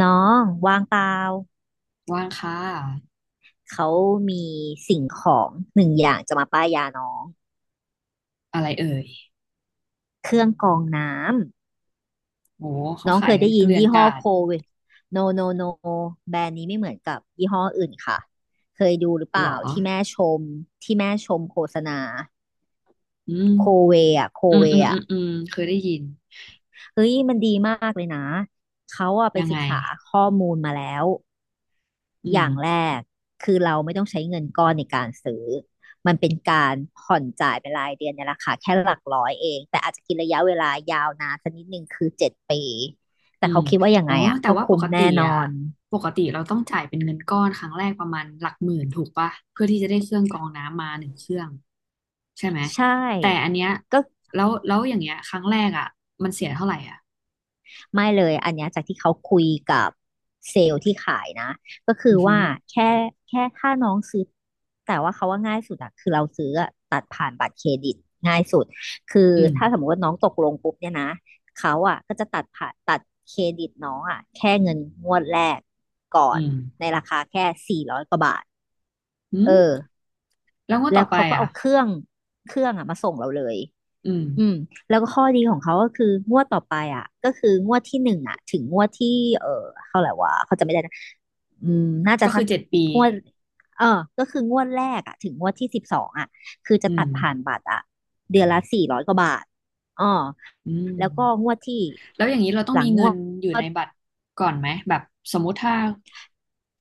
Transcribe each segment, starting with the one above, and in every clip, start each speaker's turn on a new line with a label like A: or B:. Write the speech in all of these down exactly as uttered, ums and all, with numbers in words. A: น้องว่างเปล่า
B: ว่างค่ะ
A: เขามีสิ่งของหนึ่งอย่างจะมาป้ายยาน้อง
B: อะไรเอ่ย
A: เครื่องกรองน้
B: โห
A: ำ
B: เขา
A: น้อง
B: ขา
A: เค
B: ย
A: ย
B: กั
A: ได้
B: นเก
A: ยิน
B: ลื่อน
A: ยี่
B: ก
A: ห้
B: ลา
A: อ
B: ด
A: โคเวทโนโนโนแบรนด์นี้ไม่เหมือนกับยี่ห้ออื่นค่ะเคยดูหรือเป
B: เหรอ
A: ล่าที่แม่ชมที่แม่ชมโฆษณา
B: อืม
A: โคเวอะโค
B: อืม
A: เว
B: อืมอื
A: อะ
B: มอืมเคยได้ยิน
A: เฮ้ยมันดีมากเลยนะเขาอะไป
B: ยัง
A: ศึ
B: ไง
A: กษาข้อมูลมาแล้ว
B: อื
A: อ
B: ม
A: ย่างแรกคือเราไม่ต้องใช้เงินก้อนในการซื้อมันเป็นการผ่อนจ่ายเป็นรายเดือนในราคาแค่หลักร้อยเองแต่อาจจะกินระยะเวลายาวนานสักนิดหนึ่งคือเจ็ดปี
B: อื
A: แต่
B: ม
A: เขาคิดว่ายัง
B: อ๋อ
A: ไงอ่ะ
B: แต่
A: ก็
B: ว่าป
A: คุ้ม
B: กติ
A: แน่น
B: อ่ะ
A: อน
B: ปกติเราต้องจ่ายเป็นเงินก้อนครั้งแรกประมาณหลักหมื่นถูกปะเพื่อที่จะได้เครื่องกรองน้ำมาหนึ่งเครื่องใช่ไหม
A: ใช่
B: แต่อันเนี้ย
A: ก็
B: แล้วแล้วอย่างเงี้ยครั้งแรกอ่ะมันเสียเท่าไหร่อ่ะ
A: ไม่เลยอันเนี้ยจากที่เขาคุยกับเซลล์ที่ขายนะก็คื
B: อื
A: อ
B: อหื
A: ว่า
B: อ
A: แค่แค่ถ้าน้องซื้อแต่ว่าเขาว่าง่ายสุดอะคือเราซื้ออะ ง่ายสุด คือ
B: อืม
A: ถ้าสมมติว่าน้องตกลงปุ๊บเนี่ยนะ เขาอ่ะก็จะตัดผ่าตัดเครดิตน้องอ่ะแค่เงินงวดแรกก่อน
B: อืม
A: ในราคาแค่สี่ร้อยกว่าบาท
B: อื
A: เอ
B: ม
A: อ
B: แล้วงวด
A: แล้
B: ต่อ
A: ว
B: ไป
A: เขาก็
B: อ่ะ
A: เอาเครื่องเครื่องอ่ะมาส่งเราเลย
B: อืม
A: อืมแล้วก็ข้อดีของเขาก็คืองวดต่อไปอ่ะก็คืองวดที่หนึ่งอ่ะถึงงวดที่เออเท่าไหร่วะเขาจะไม่ได้นะอืมน่าจะ
B: ก็คื
A: สั
B: อ
A: ก
B: เจ็ดปี
A: งวดเออก็คืองวดแรกอ่ะถึงงวดที่สิบสองอ่ะคือจะ
B: อืม
A: ตัดผ่านบัตรอ่ะเดือนละสี่ร้อยกว่าบาทอ๋อ
B: อืม
A: แล้วก็งวดที่
B: แล้วอย่างนี้เราต้อ
A: ห
B: ง
A: ลั
B: มี
A: งง
B: เงิ
A: ว
B: น
A: ด
B: อยู่ในบัตรก่อนไหมแบบสมมุติถ้า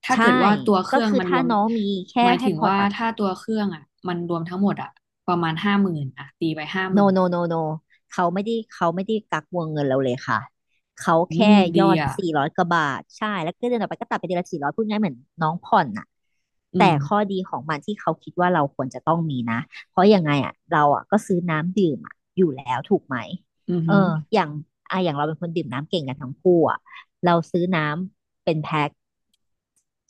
B: ถ้า
A: ใช่
B: เกิดว่าตัวเค
A: ก็
B: รื่อง
A: คือ
B: มันร
A: ถ้า
B: วม
A: น้องมีแค่
B: หมาย
A: ให้
B: ถึง
A: พอ
B: ว่า
A: ตัด
B: ถ้าตัวเครื่องอ่ะมันรวมทั้งหมดอ่ะประมาณห้าหมื่นอ่ะตีไปห้าห
A: โน
B: มื่น
A: โนโนโนเขาไม่ได้เขาไม่ได้กักวงเงินเราเลยค่ะเขา
B: อื
A: แค่
B: มดี
A: ยอด
B: อ่ะ
A: สี่ร้อยกว่าบาทใช่แล้วก็เดือนต่อไปก็ตัดไปเดือนละสี่ร้อยพูดง่ายเหมือนน้องผ่อนน่ะ
B: อื
A: แต่
B: ม
A: ข้อดีของมันที่เขาคิดว่าเราควรจะต้องมีนะเพราะยังไงอ่ะเราอ่ะก็ซื้อน้ำดื่มอะอยู่แล้วถูกไหม
B: อือ
A: เอ
B: หือ
A: ออย่างอ่ะอย่างเราเป็นคนดื่มน้ำเก่งกันทั้งคู่อ่ะเราซื้อน้ำเป็นแพ็ค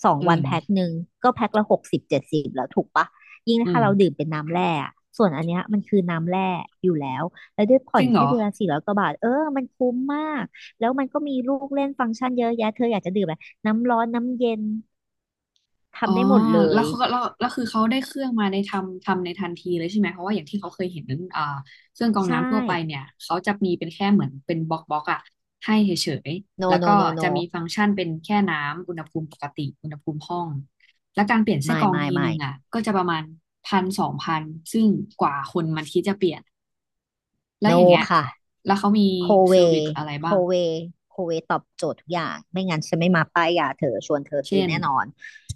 A: สอง
B: อื
A: วันแพ็ค
B: ม
A: หนึ่งก็แพ็คละหกสิบเจ็ดสิบแล้วถูกปะยิ่ง
B: อื
A: ถ้า
B: ม
A: เราดื่มเป็นน้ำแร่ส่วนอันเนี้ยมันคือน้ำแร่อยู่แล้วแล้วด้วยผ่
B: จ
A: อ
B: ริ
A: น
B: งเหร
A: แค่
B: อ
A: เดือนละสี่ร้อยกว่าบาทเออมันคุ้มมากแล้วมันก็มีลูกเล่นฟังก์ชันเยอะแยะเธออยากจะดื่มอะไรน้ำร้อนน้ำเย็น
B: อ๋อ
A: ทำได้หมดเล
B: แล้
A: ย
B: วเขาก็แล้วแล้วคือเขาได้เครื่องมาในทำทำในทันทีเลยใช่ไหม เพราะว่าอย่างที่เขาเคยเห็นนั้นอ่าเครื่องกรอง
A: ใช่
B: น้ำทั่วไปเนี่ยเขาจะมีเป็นแค่เหมือนเป็นบล็อกบล็อกอะให้เฉยๆ
A: no
B: แล้วก็
A: no no
B: จะมี
A: no
B: ฟังก์ชันเป็นแค่น้ำอุณหภูมิปกติอุณหภูมิห้อง และการเปลี่ยนไส้
A: ไม่
B: กรอง
A: ไม่
B: ทีนึ
A: ไม่
B: งอะก็จะประมาณพันสองพันซึ่งกว่าคนมันคิดจะเปลี่ยนแล้ว
A: no
B: อย่างเงี้ย
A: ค่ะ
B: แล้วเขามี
A: โค
B: เซ
A: เว
B: อร์วิสอะไร
A: โค
B: บ้าง
A: เวโคเวตอบโจทย์ทุกอย่างไม่งั้นฉันไม่มาป้ายยาเธอชวนเธอซื้อ
B: เช่น
A: แน่นอน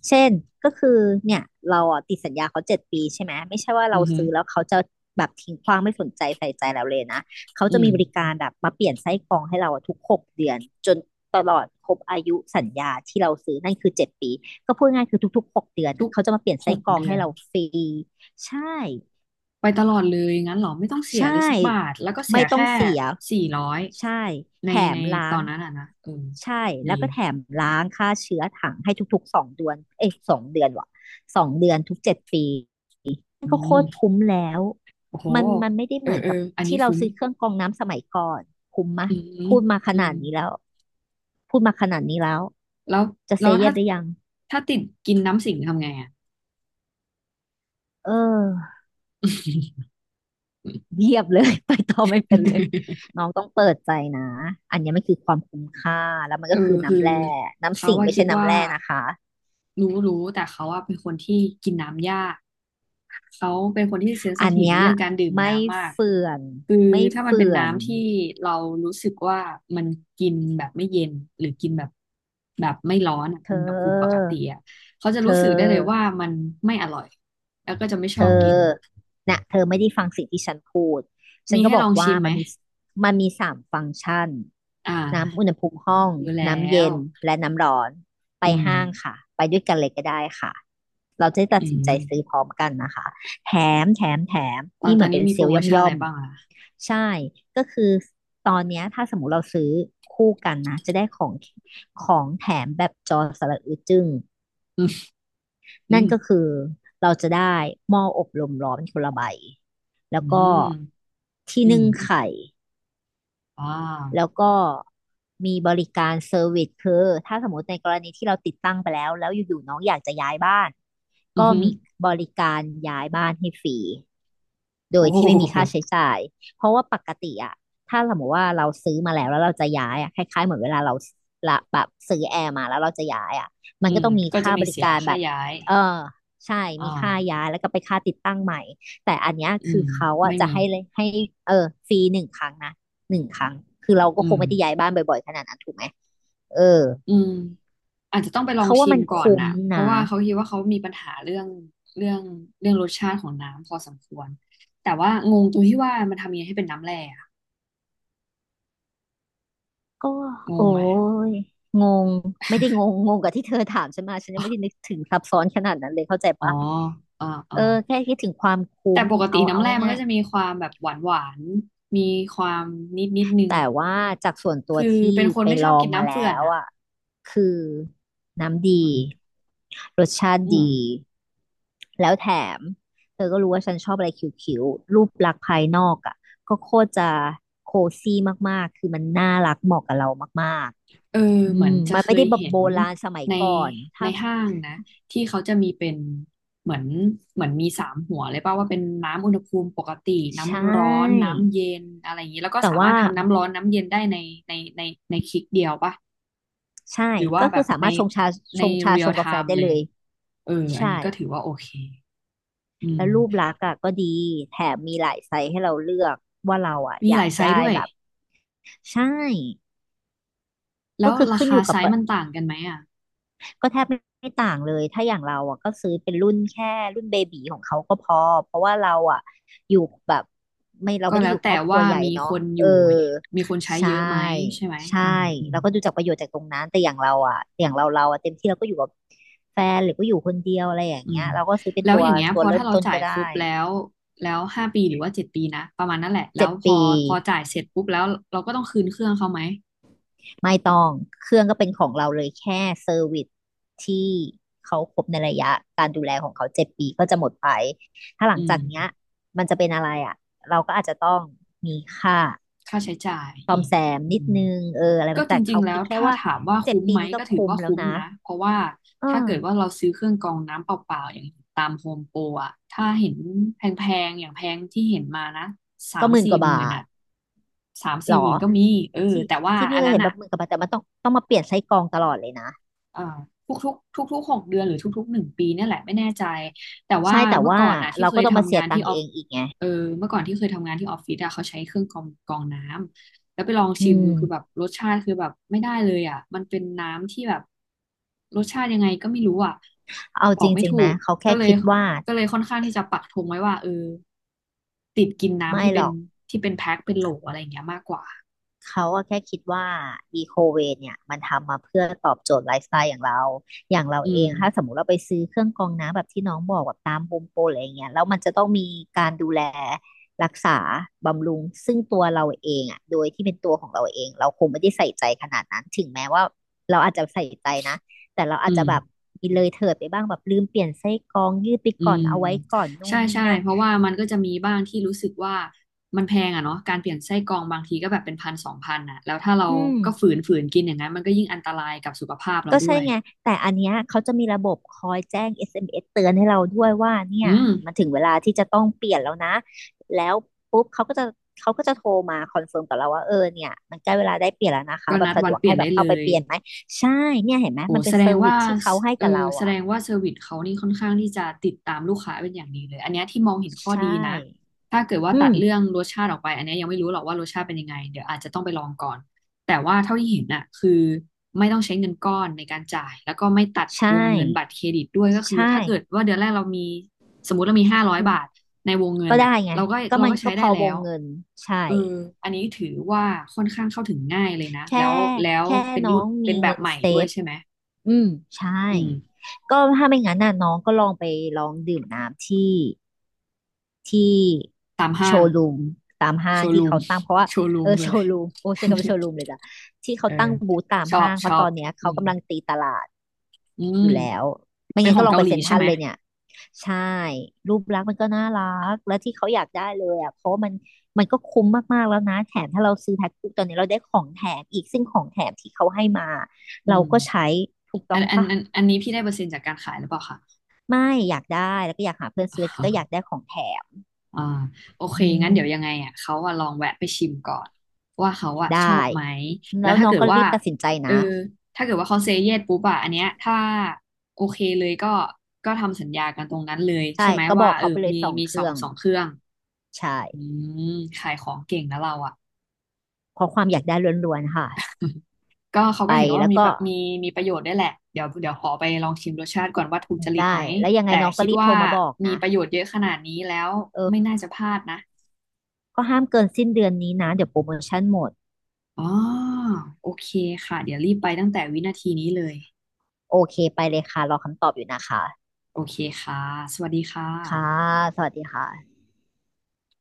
A: เช่นก็คือเนี่ยเราอ่ะติดสัญญาเขาเจ็ดปีใช่ไหมไม่ใช่ว่า
B: อื
A: เรา
B: อหึอ
A: ซื้อแล้วเขาจะแบบทิ้งขว้างไม่สนใจใส่ใจเราเลยนะเขา
B: อื
A: จะ
B: ม
A: มีบริการแบบมาเปลี่ยนไส้กรองให้เราอะทุกหกเดือนจนตลอดครบอายุสัญญาที่เราซื้อนั่นคือเจ็ดปีก็พูดง่ายคือทุกๆหกเดือน
B: ทุ
A: อะ
B: ก
A: เขาจะมาเปลี่ยน
B: ห
A: ไส้
B: ก
A: กรอง
B: เดือ
A: ให้
B: น
A: เราฟรีใช่
B: ไปตลอดเลยงั้นเหรอไม่ต้องเสีย
A: ใช่
B: เลยสักบาทแล้วก็เสี
A: ไม่
B: ย
A: ต้อง
B: แค่
A: เสีย
B: สี่ร้อย
A: ใช่
B: ใน
A: แถ
B: ใน
A: มล้า
B: ตอ
A: ง
B: นนั้นอ่ะนะเออ
A: ใช่
B: ดี
A: แล้วก็แถมล้างฆ่าเชื้อถังให้ทุกๆสองเดือนเอ้ยสองเดือนว่ะสองเดือนทุกเจ็ดปีมัน
B: อื
A: ก็โค
B: ม
A: ตรคุ้มแล้ว
B: โอ้โห
A: มันมันไม่ได้
B: เอ
A: เห
B: อ
A: มือน
B: เออ
A: กับ
B: อันนี้
A: ที่เรา
B: คุ้ม
A: ซื้อเครื่องกรองน้ำสมัยก่อนคุ้มมะ
B: อืม
A: พูดมาข
B: อื
A: นา
B: ม
A: ดนี้แล้วพูดมาขนาดนี้แล้ว
B: แล้ว
A: จะเซ
B: แล้ว
A: y ย e
B: ถ้า
A: s หรือยัง
B: ถ้าติดกินน้ำสิงทำไงอ่ะ
A: เออเงียบเลย ไปต่อไม่เป็นเลย น้องต้องเปิดใจนะ อันเนี้ยมันคือความคุ้มค่า แล้วมัน
B: เอ
A: ก็
B: อ
A: คือ
B: คือ
A: น้ำแร่น้ำ
B: เขา
A: สิง
B: ว่า
A: ไม่
B: คิ
A: ใช่
B: ด
A: น้ำ
B: ว่า
A: แร่นะคะ
B: รู้รู้แต่เขาว่าเป็นคนที่กินน้ำยากเขาเป็นคนที่เซนซิ
A: อัน
B: ทีฟใน
A: เนี้ย
B: เรื่องการดื่ม
A: ไม่
B: น้ำมาก
A: เฟื่อน
B: คือ
A: ไม่
B: ถ้ามันเป็น
A: เฟื่อน
B: น้ำที่เรารู้สึกว่ามันกินแบบไม่เย็นหรือกินแบบแบบไม่ร้อนอะ
A: เธ
B: อุณหภูมิปก
A: อ
B: ติอะเขาจะ
A: เธอ
B: รู้สึกได้เลยว่ามันไม่อร่อยแล้วก็จะไม่ช
A: เธ
B: อ
A: อ
B: บกิน
A: น่ะเธอไม่ได้ฟังสิ่งที่ฉันพูดฉั
B: มี
A: นก็
B: ให้
A: บ
B: ล
A: อก
B: อง
A: ว่า
B: ชิมไหม
A: มันมีมันมีสามฟังก์ชัน
B: อ่
A: น้ำอุณ
B: า
A: หภูมิห้อง
B: รู้แล้
A: น้ำเย็
B: ว
A: นและน้ำร้อนไป
B: อื
A: ห้าง
B: ม
A: ค่ะไปด้วยกันเลยก็ได้ค่ะเราจะได้ตัด
B: อื
A: สินใจ
B: ม
A: ซื้อพร้อมกันนะคะแถมแถมแถม
B: ตอน
A: นี่เห
B: ตอ
A: มื
B: น
A: อน
B: นี้
A: เป็น
B: มี
A: เซ
B: โป
A: ล
B: ร
A: ล์
B: โม
A: ย่อม
B: ชั่นอะ
A: ย่อ
B: ไร
A: ม
B: บ้างอ่ะ
A: ใช่ ก็คือตอนเนี้ยถ้าสมมติเราซื้อคู่กันนะจะได้ของของแถมแบบจอสระอึดจึ้ง
B: อืมอื
A: นั่น
B: ม
A: ก็คือเราจะได้หม้ออบลมร้อนคนละใบแล้
B: อื
A: วก็
B: ม
A: ที่
B: อื
A: นึ่
B: ม
A: งไข่
B: อ่
A: แล้
B: า
A: วก็มีบริการเซอร์วิสคือถ้าสมมติในกรณีที่เราติดตั้งไปแล้วแล้วอยู่ๆน้องอยากจะย้ายบ้าน
B: อือ
A: ก็
B: หือ
A: มีบริการย้ายบ้านให้ฟรีโด
B: โอ้
A: ยที่ไม่มี
B: โห
A: ค่าใช้จ่ายเพราะว่าปกติอะถ้าสมมติว่าเราซื้อมาแล้วแล้วเราจะย้ายอะคล้ายๆเหมือนเวลาเราละแบบซื้อแอร์มาแล้วเราจะย้ายอะมั
B: อื
A: นก็
B: ม
A: ต้องมี
B: ก็จะ
A: ค่า
B: มี
A: บริ
B: เสีย
A: การแบ
B: ค่า
A: บ
B: ย้าย
A: เออใช่
B: อ่า
A: มีค่าย้ายแล้วก็ไปค่าติดตั้งใหม่แต่อันเนี้ย
B: อื
A: คือ
B: ม
A: เขาอะ
B: ไม่
A: จะ
B: มี
A: ให้เลยให้เออฟรีหนึ่งครั้งนะ หนึ่งครั้ง คือเราก็
B: อื
A: คง
B: ม
A: ไม่ได้ย้ายบ้านบ่อยๆขนาดนั้นถูกไหม เออ
B: อืมอาจจะต้องไปลอง
A: เขาว่า
B: ชิ
A: มั
B: ม
A: น
B: ก่อน
A: คุ้ม
B: น่ะเพราะ
A: นะ
B: ว่าเขาคิดว่าเขามีปัญหาเรื่องเรื่องเรื่องรสชาติของน้ำพอสมควรแต่ว่างงตรงที่ว่ามันทำยังไงให้เป็นน้ำแร่อะ
A: ก็
B: ง
A: โอ้
B: งไหม
A: ยงง ไม่ได้งงงงกับที่เธอถามฉันมาฉันยังไม่ได้นึกถึงซับซ้อนขนาดนั้นเลยเข้าใจ
B: อ๋อ
A: ปะ
B: อ่าอ่า
A: เออแค่คิดถึงความ
B: แต่
A: คุ้ม
B: ปกติ
A: เอาเอา
B: น้ำแร่มัน
A: ง่า
B: ก็
A: ย
B: จะมีความแบบหวานหวานมีความนิดนิดนึง
A: แต่ว่าจากส่วนตัว
B: คือ
A: ที่
B: เป็นคน
A: ไป
B: ไม่
A: ล
B: ชอ
A: อ
B: บ
A: ง
B: กิน
A: มา
B: น้ำ
A: แล้
B: เฟื่อน
A: ว
B: อ่ะ
A: อ่ะคือน้ำดี
B: อืม
A: รสชาติ
B: อืม
A: ดีแล้วแถมเธอก็รู้ว่าฉันชอบอะไรคิ้วๆรูปลักษณ์ภายนอกอ่ะก็โคตรจะโคซี่มากๆคือมันน่ารักเหมาะกับเรามาก
B: เออ
A: ๆอื
B: เหมือน
A: ม
B: จะ
A: มัน
B: เค
A: ไม่
B: ย
A: ได้แบบ
B: เห็
A: โบ
B: น
A: ราณสมัย
B: ใน
A: ก่อน
B: ใน
A: ถ้า
B: ห้างนะที่เขาจะมีเป็นเหมือนเหมือนมีสามหัวเลยป่ะว่าเป็นน้ำอุณหภูมิปกติ
A: ใช่
B: น้ำร้อนน้ำเย็นอะไรอย่างนี้แล้วก็
A: แต่
B: สามาร
A: ว่า
B: ถทำน้ำร้อนน้ำเย็นได้ในในในในคลิกเดียวป่ะ
A: ใช่
B: หรือว่า
A: ก็
B: แบ
A: คือ
B: บ
A: สา
B: ใน
A: มารถชงชา
B: ใน
A: ชงชา
B: เรี
A: ช
B: ยล
A: ง
B: ไท
A: กาแฟ
B: ม์
A: ได้
B: เล
A: เล
B: ย
A: ย
B: เอออัน
A: ใช่
B: นี้ก็ถือว่าโอเคอื
A: แล้
B: ม
A: วรูปลักษณ์อ่ะก็ดี แถมมีหลายไซส์ให้เราเลือกว่าเราอ่ะ
B: มี
A: อ
B: ห
A: ยา
B: ลา
A: ก
B: ยไซส์
A: ได้
B: ด้วย
A: แบบใช่
B: แล้
A: ก็
B: ว
A: คือ
B: รา
A: ขึ้นอ
B: คา
A: ยู่
B: ไซ
A: กับ
B: ส์
A: เปิด
B: มันต่างกันไหมอ่ะ
A: ก็แทบไม่ไม่ต่างเลย ถ้าอย่างเราอ่ะก็ซื้อเป็นรุ่นแค่รุ่นเบบีของเขาก็พอ เพราะว่าเราอ่ะอยู่แบบไม่เรา
B: ก็
A: ไม่ได้
B: แล้
A: อ
B: ว
A: ยู่คร
B: แต่
A: อบครั
B: ว่า
A: วใหญ่
B: มี
A: เนาะ
B: คนอ
A: เออ
B: ยู่มีคนใช้
A: ใช่
B: เยอะไหมใช่ไหม
A: ใช่
B: อืมอืม
A: เราก็ดูจากประโยชน์จากตรงนั้นแต่อย่างเราอ่ะอย่างเราเราอ่ะเต็มที่เราก็อยู่กับแฟนหรือก็อยู่คนเดียวอะไรอย่าง
B: อื
A: เงี้ย
B: ม
A: เราก็ซื้อเป็น
B: แล้ว
A: ตัว
B: อย่างเงี้ย
A: ตั
B: พ
A: ว
B: อ
A: เริ่
B: ถ้า
A: ม
B: เรา
A: ต้น
B: จ่า
A: ก็
B: ย
A: ได้
B: ครบแล้วแล้วห้าปีหรือว่าเจ็ดปีนะประมาณนั่นแหละแล้
A: เจ็
B: ว
A: ด
B: พอ
A: ปี
B: พอจ่ายเสร็จปุ๊บแล้วเราก็ต้องคืนเครื่องเขาไหม
A: ไม่ต้องเครื่องก็เป็นของเราเลย แค่เซอร์วิสที่เขาครบในระยะการดูแลของเขาเจ็ดปีก็จะหมดไป ถ้าหลั
B: อื
A: งจา
B: ม
A: กเนี้ยมันจะเป็นอะไรอ่ะเราก็อาจจะต้องมีค่า
B: ค่าใช้จ่าย
A: ซ่อ
B: อี
A: ม
B: ก
A: แซม
B: อื
A: นิด
B: ม
A: นึงเอออะไรมั
B: ก็
A: น
B: จ
A: แต่
B: ริ
A: เขา
B: งๆแล้
A: คิ
B: ว
A: ดแค่
B: ถ้า
A: ว่า
B: ถามว่า
A: เจ็ด
B: คุ้ม
A: ปี
B: ไหม
A: นี้ก็
B: ก็ถือ
A: คุ้ม
B: ว่า
A: แล้ว
B: คุ้ม
A: นะ
B: นะเพราะว่า
A: เอ
B: ถ้าเกิดว่า
A: อ
B: เราซื้อเครื่องกรองน้ำเปล่าๆอย่างตามโฮมโปรอะถ้าเห็นแพงๆอย่างแพงที่เห็นมานะสา
A: ก็
B: ม
A: หมื่นก
B: สี่
A: ว่า
B: ห
A: บา
B: มื่น
A: ท
B: อะสาม
A: หร
B: สี่
A: อ
B: หมื่นก็มีเออ
A: ที่
B: แต่ว่า
A: ที่พี่
B: อัน
A: เคย
B: นั้น
A: เห็นแบ
B: อะ
A: บหมื่นกว่าบาทแต่มันต้องต้องมาเปลี่ยนไส้กรองตลอดเลยนะ
B: เอ่อทุกๆทุกๆหกเดือนหรือทุกๆหนึ่งปีเนี่ยแหละไม่แน่ใจแต่ว่า
A: ใช่แต่
B: เมื่อ
A: ว่า
B: ก่อนนะที่
A: เรา
B: เค
A: ก็
B: ย
A: ต้องมา
B: ทำ
A: เสีย
B: งาน
A: ตั
B: ที่
A: งค์
B: ออ
A: เอ
B: ฟ
A: งอีกไง
B: เออเมื่อก่อนที่เคยทำงานที่ออฟฟิศอะเขาใช้เครื่องกรองกรองน้ำแล้วไปลอง
A: อื
B: ชิม
A: ม
B: ดูคือแบบรสชาติคือแบบไม่ได้เลยอะมันเป็นน้ำที่แบบรสชาติยังไงก็ไม่รู้อะ
A: เอา
B: บอ
A: จ
B: กไม่
A: ริงๆ
B: ถู
A: ไหม
B: ก
A: เขา
B: ก็
A: แค่
B: เลย
A: คิดว่า
B: ก็เลยค่อนข้างที่จะปักธงไว้ว่าเออติดกินน้ำ
A: ไม่
B: ที่
A: ห
B: เป็
A: ร
B: น
A: อก
B: ที่เป็นแพ็คเป็นโหลอะไรอย่างเงี้ยมากกว่า
A: เขาก็แค่คิดว่าอีโคเวเนี่ยมันทำมาเพื่อตอบโจทย์ไลฟ์สไตล์อย่างเรา อย่างเรา
B: อื
A: เอ
B: ม
A: ง ถ้าสมมติเราไปซื้อเครื่องกรองน้ำแบบที่น้องบอกแบบตามโฮมโปรอะไรอย่างเงี้ยแล้วมันจะต้องมีการดูแลรักษาบำรุงซึ่งตัวเราเองอ่ะโดยที่เป็นตัวของเราเองเราคงไม่ได้ใส่ใจขนาดนั้นถึงแม้ว่าเราอาจจะใส่ใจนะแต่เราอา
B: อื
A: จจะ
B: ม
A: แบบมีเลยเถิดไปบ้างแบบลืมเปลี่ยนไส้กรองยืดไป
B: อื
A: ก่อน
B: ม
A: เอาไว้ก่อนนู่
B: ใช่
A: นนี่
B: ใช่
A: นั่น
B: เพราะว่ามันก็จะมีบ้างที่รู้สึกว่ามันแพงอ่ะเนาะการเปลี่ยนไส้กรองบางทีก็แบบเป็นพันสองพันอ่ะแล้วถ้าเรา
A: อืม
B: ก็ฝืนฝืนกินอย่างนั้นมันก็ยิ่งอันตรายกับสุขภาพเรา
A: ก็
B: ด้
A: ใช่
B: วย
A: ไงแต่อันเนี้ยเขาจะมีระบบคอยแจ้ง เอส เอ็ม เอส เอ็มเอสเตือนให้เราด้วยว่าเนี่
B: อื
A: ย
B: ม
A: มันถึงเวลาที่จะต้องเปลี่ยนแล้วนะแล้วปุ๊บเขาก็จะเขาก็จะโทรมาคอนเฟิร์มกับเราว่าเออเนี่ยมันใกล้เวลาได้เปลี่ยนแล้วนะคะ
B: ก็
A: แบ
B: นั
A: บ
B: ด
A: สะ
B: วั
A: ด
B: น
A: วก
B: เปลี่ย
A: ให้
B: น
A: แบ
B: ได้
A: บเข้า
B: เล
A: ไป
B: ย
A: เปลี่ยนไหมใช่เนี่ยเห็นไหม
B: โอ้
A: มันเป็
B: แส
A: น
B: ด
A: เซ
B: ง
A: อร์วิ
B: ว่า
A: สที่เขาให้
B: เออ
A: กับเรา
B: แสด
A: อ่ะ
B: งว่าเซอร์วิสเขานี่ค่อนข้างที่จะติดตามลูกค้าเป็นอย่างดีเลย อันเนี้ยที่มองเห็นข้อ
A: ใช่
B: ดีนะ ถ้าเกิดว่า
A: อื
B: ตัด
A: ม
B: เรื่องรสชาติออกไปอันเนี้ยยังไม่รู้หรอกว่ารสชาติเป็นยังไงเดี๋ยวอาจจะต้องไปลองก่อนแต่ว่าเท่าที่เห็นน่ะคือไม่ต้องใช้เงินก้อนในการจ่ายแล้วก็ไม่ตัด
A: ใช่
B: วงเงินบัตรเครดิตด้วยก็คือ
A: ใช่
B: ถ้าเกิดว่าเดือนแรกเรามีสมมติเรามีห้าร้อยบาทในวงเงิ
A: ก็
B: นน่ะ
A: ได้ไง
B: เราก็
A: ก็
B: เรา
A: มัน
B: ก็
A: ก็
B: ใช้
A: พ
B: ได้
A: อว
B: แล้
A: ง
B: ว
A: เงินใช่
B: เอออันนี้ถือว่าค่อนข้างเข้าถึงง่ายเลยนะ
A: แค่
B: แล้วแล้ว
A: แค่
B: เป็น
A: น้อ
B: รุ่น
A: งมี
B: เป็นแบ
A: เงิ
B: บ
A: น
B: ใหม่
A: เซ
B: ด้วย
A: ฟ
B: ใช่ไหม
A: อืมใช่
B: อืม
A: ก็ถ้าไม่งั้นน่ะน้องก็ลองไปลองดื่มน้ำที่ที่
B: ตาม
A: โช
B: ห้าง
A: ว์รูมตามห้า
B: โช
A: ง
B: ว์
A: ที่
B: รูม
A: เขาตั้งเพราะว่า
B: โชว์รู
A: เอ
B: ม
A: อ
B: คือ
A: โช
B: อะไร
A: ว์รูมโอ้ใช่ คำว่าโชว์รูมเลยจ้ะที่เขา
B: เออ
A: ตั้งบูธตาม
B: ชอบ
A: ห้างเพ
B: ช
A: ราะ
B: อ
A: ตอ
B: บ
A: นเนี้ย
B: อื
A: เขา
B: ม
A: กำลังตีตลาด
B: อื
A: อ
B: ม
A: ยู่แล้วไม่
B: เป็น
A: งั้น
B: ขอ
A: ก็
B: ง
A: ลอง
B: เกา
A: ไป
B: หลี
A: เซ็นท
B: ใช่
A: รัล
B: ไหม
A: เลยเนี่ยใช่รูปลักษณ์มันก็น่ารักและที่เขาอยากได้เลยอ่ะเพราะมันมันก็คุ้มมากๆแล้วนะแถมถ้าเราซื้อแพ็คคู่ตอนนี้เราได้ของแถมอีกซึ่งของแถมที่เขาให้มา
B: อื
A: เรา
B: ม
A: ก็ใช้ถูกต้
B: อั
A: อง
B: นอัน
A: ปะ
B: อันอันนี้พี่ได้เปอร์เซ็นต์จากการขายหรือเปล่าคะ
A: ไม่อยากได้แล้วก็อยากหาเพื่อนซื้อก็อยากได้ ของแถม
B: อ่าโอเค
A: อื
B: งั้
A: ม
B: นเดี๋ยวยังไงอ่ะเขาอ่ะลองแวะไปชิมก่อนว่าเขาอ่ะชอ
A: ได้
B: บไหมแล้
A: แล้
B: ว
A: ว
B: ถ้า
A: น้อง
B: เกิด
A: ก็
B: ว่า
A: รีบตัดสินใจ
B: เออ
A: นะ
B: ถ้าเกิดว่าเขาเซเยสปุ๊บอ่ะอันเนี้ยถ้าโอเคเลยก็ก็ทำสัญญากันตรงนั้นเลยใช่
A: ใช่
B: ไหม
A: ก็บ
B: ว่า
A: อก
B: เออ
A: เขาไปเลย
B: มี
A: สอง
B: มี
A: เค
B: สอ
A: รื่
B: ง
A: อง
B: สองเครื่อง
A: ใช่
B: อืมขายของเก่งนะเราอ่ะ
A: เพราะความอยากได้ล้วนๆค่ะ
B: ก็เขา
A: ไป
B: ก็เห็นว่า
A: แล้ว
B: มี
A: ก็
B: ประมีมีประโยชน์ได้วยแหละเดี๋ยวเดี๋ยวขอไปลองชิมรสชาติก่อนว่าถูกจริต
A: ได้
B: ไหม
A: แล้วยังไง
B: แต่
A: น้องก็
B: คิด
A: รีบโท
B: ว่า
A: รมาบอก
B: มี
A: นะ
B: ประโยชน์เยอะขนาดนี้แล้ว
A: เออ
B: ไม่น่าจะพลาดนะ
A: ก็ห้ามเกินสิ้นเดือนนี้นะเดี๋ยวโปรโมชั่นหมด
B: อ๋อโอเคค่ะเดี๋ยวรีบไปตั้งแต่วินาทีนี้เลย
A: โอเคไปเลยค่ะรอคำตอบอยู่นะคะ
B: โอเคค่ะสวัสดีค่ะ
A: ค่ะสวัสดีค่ะ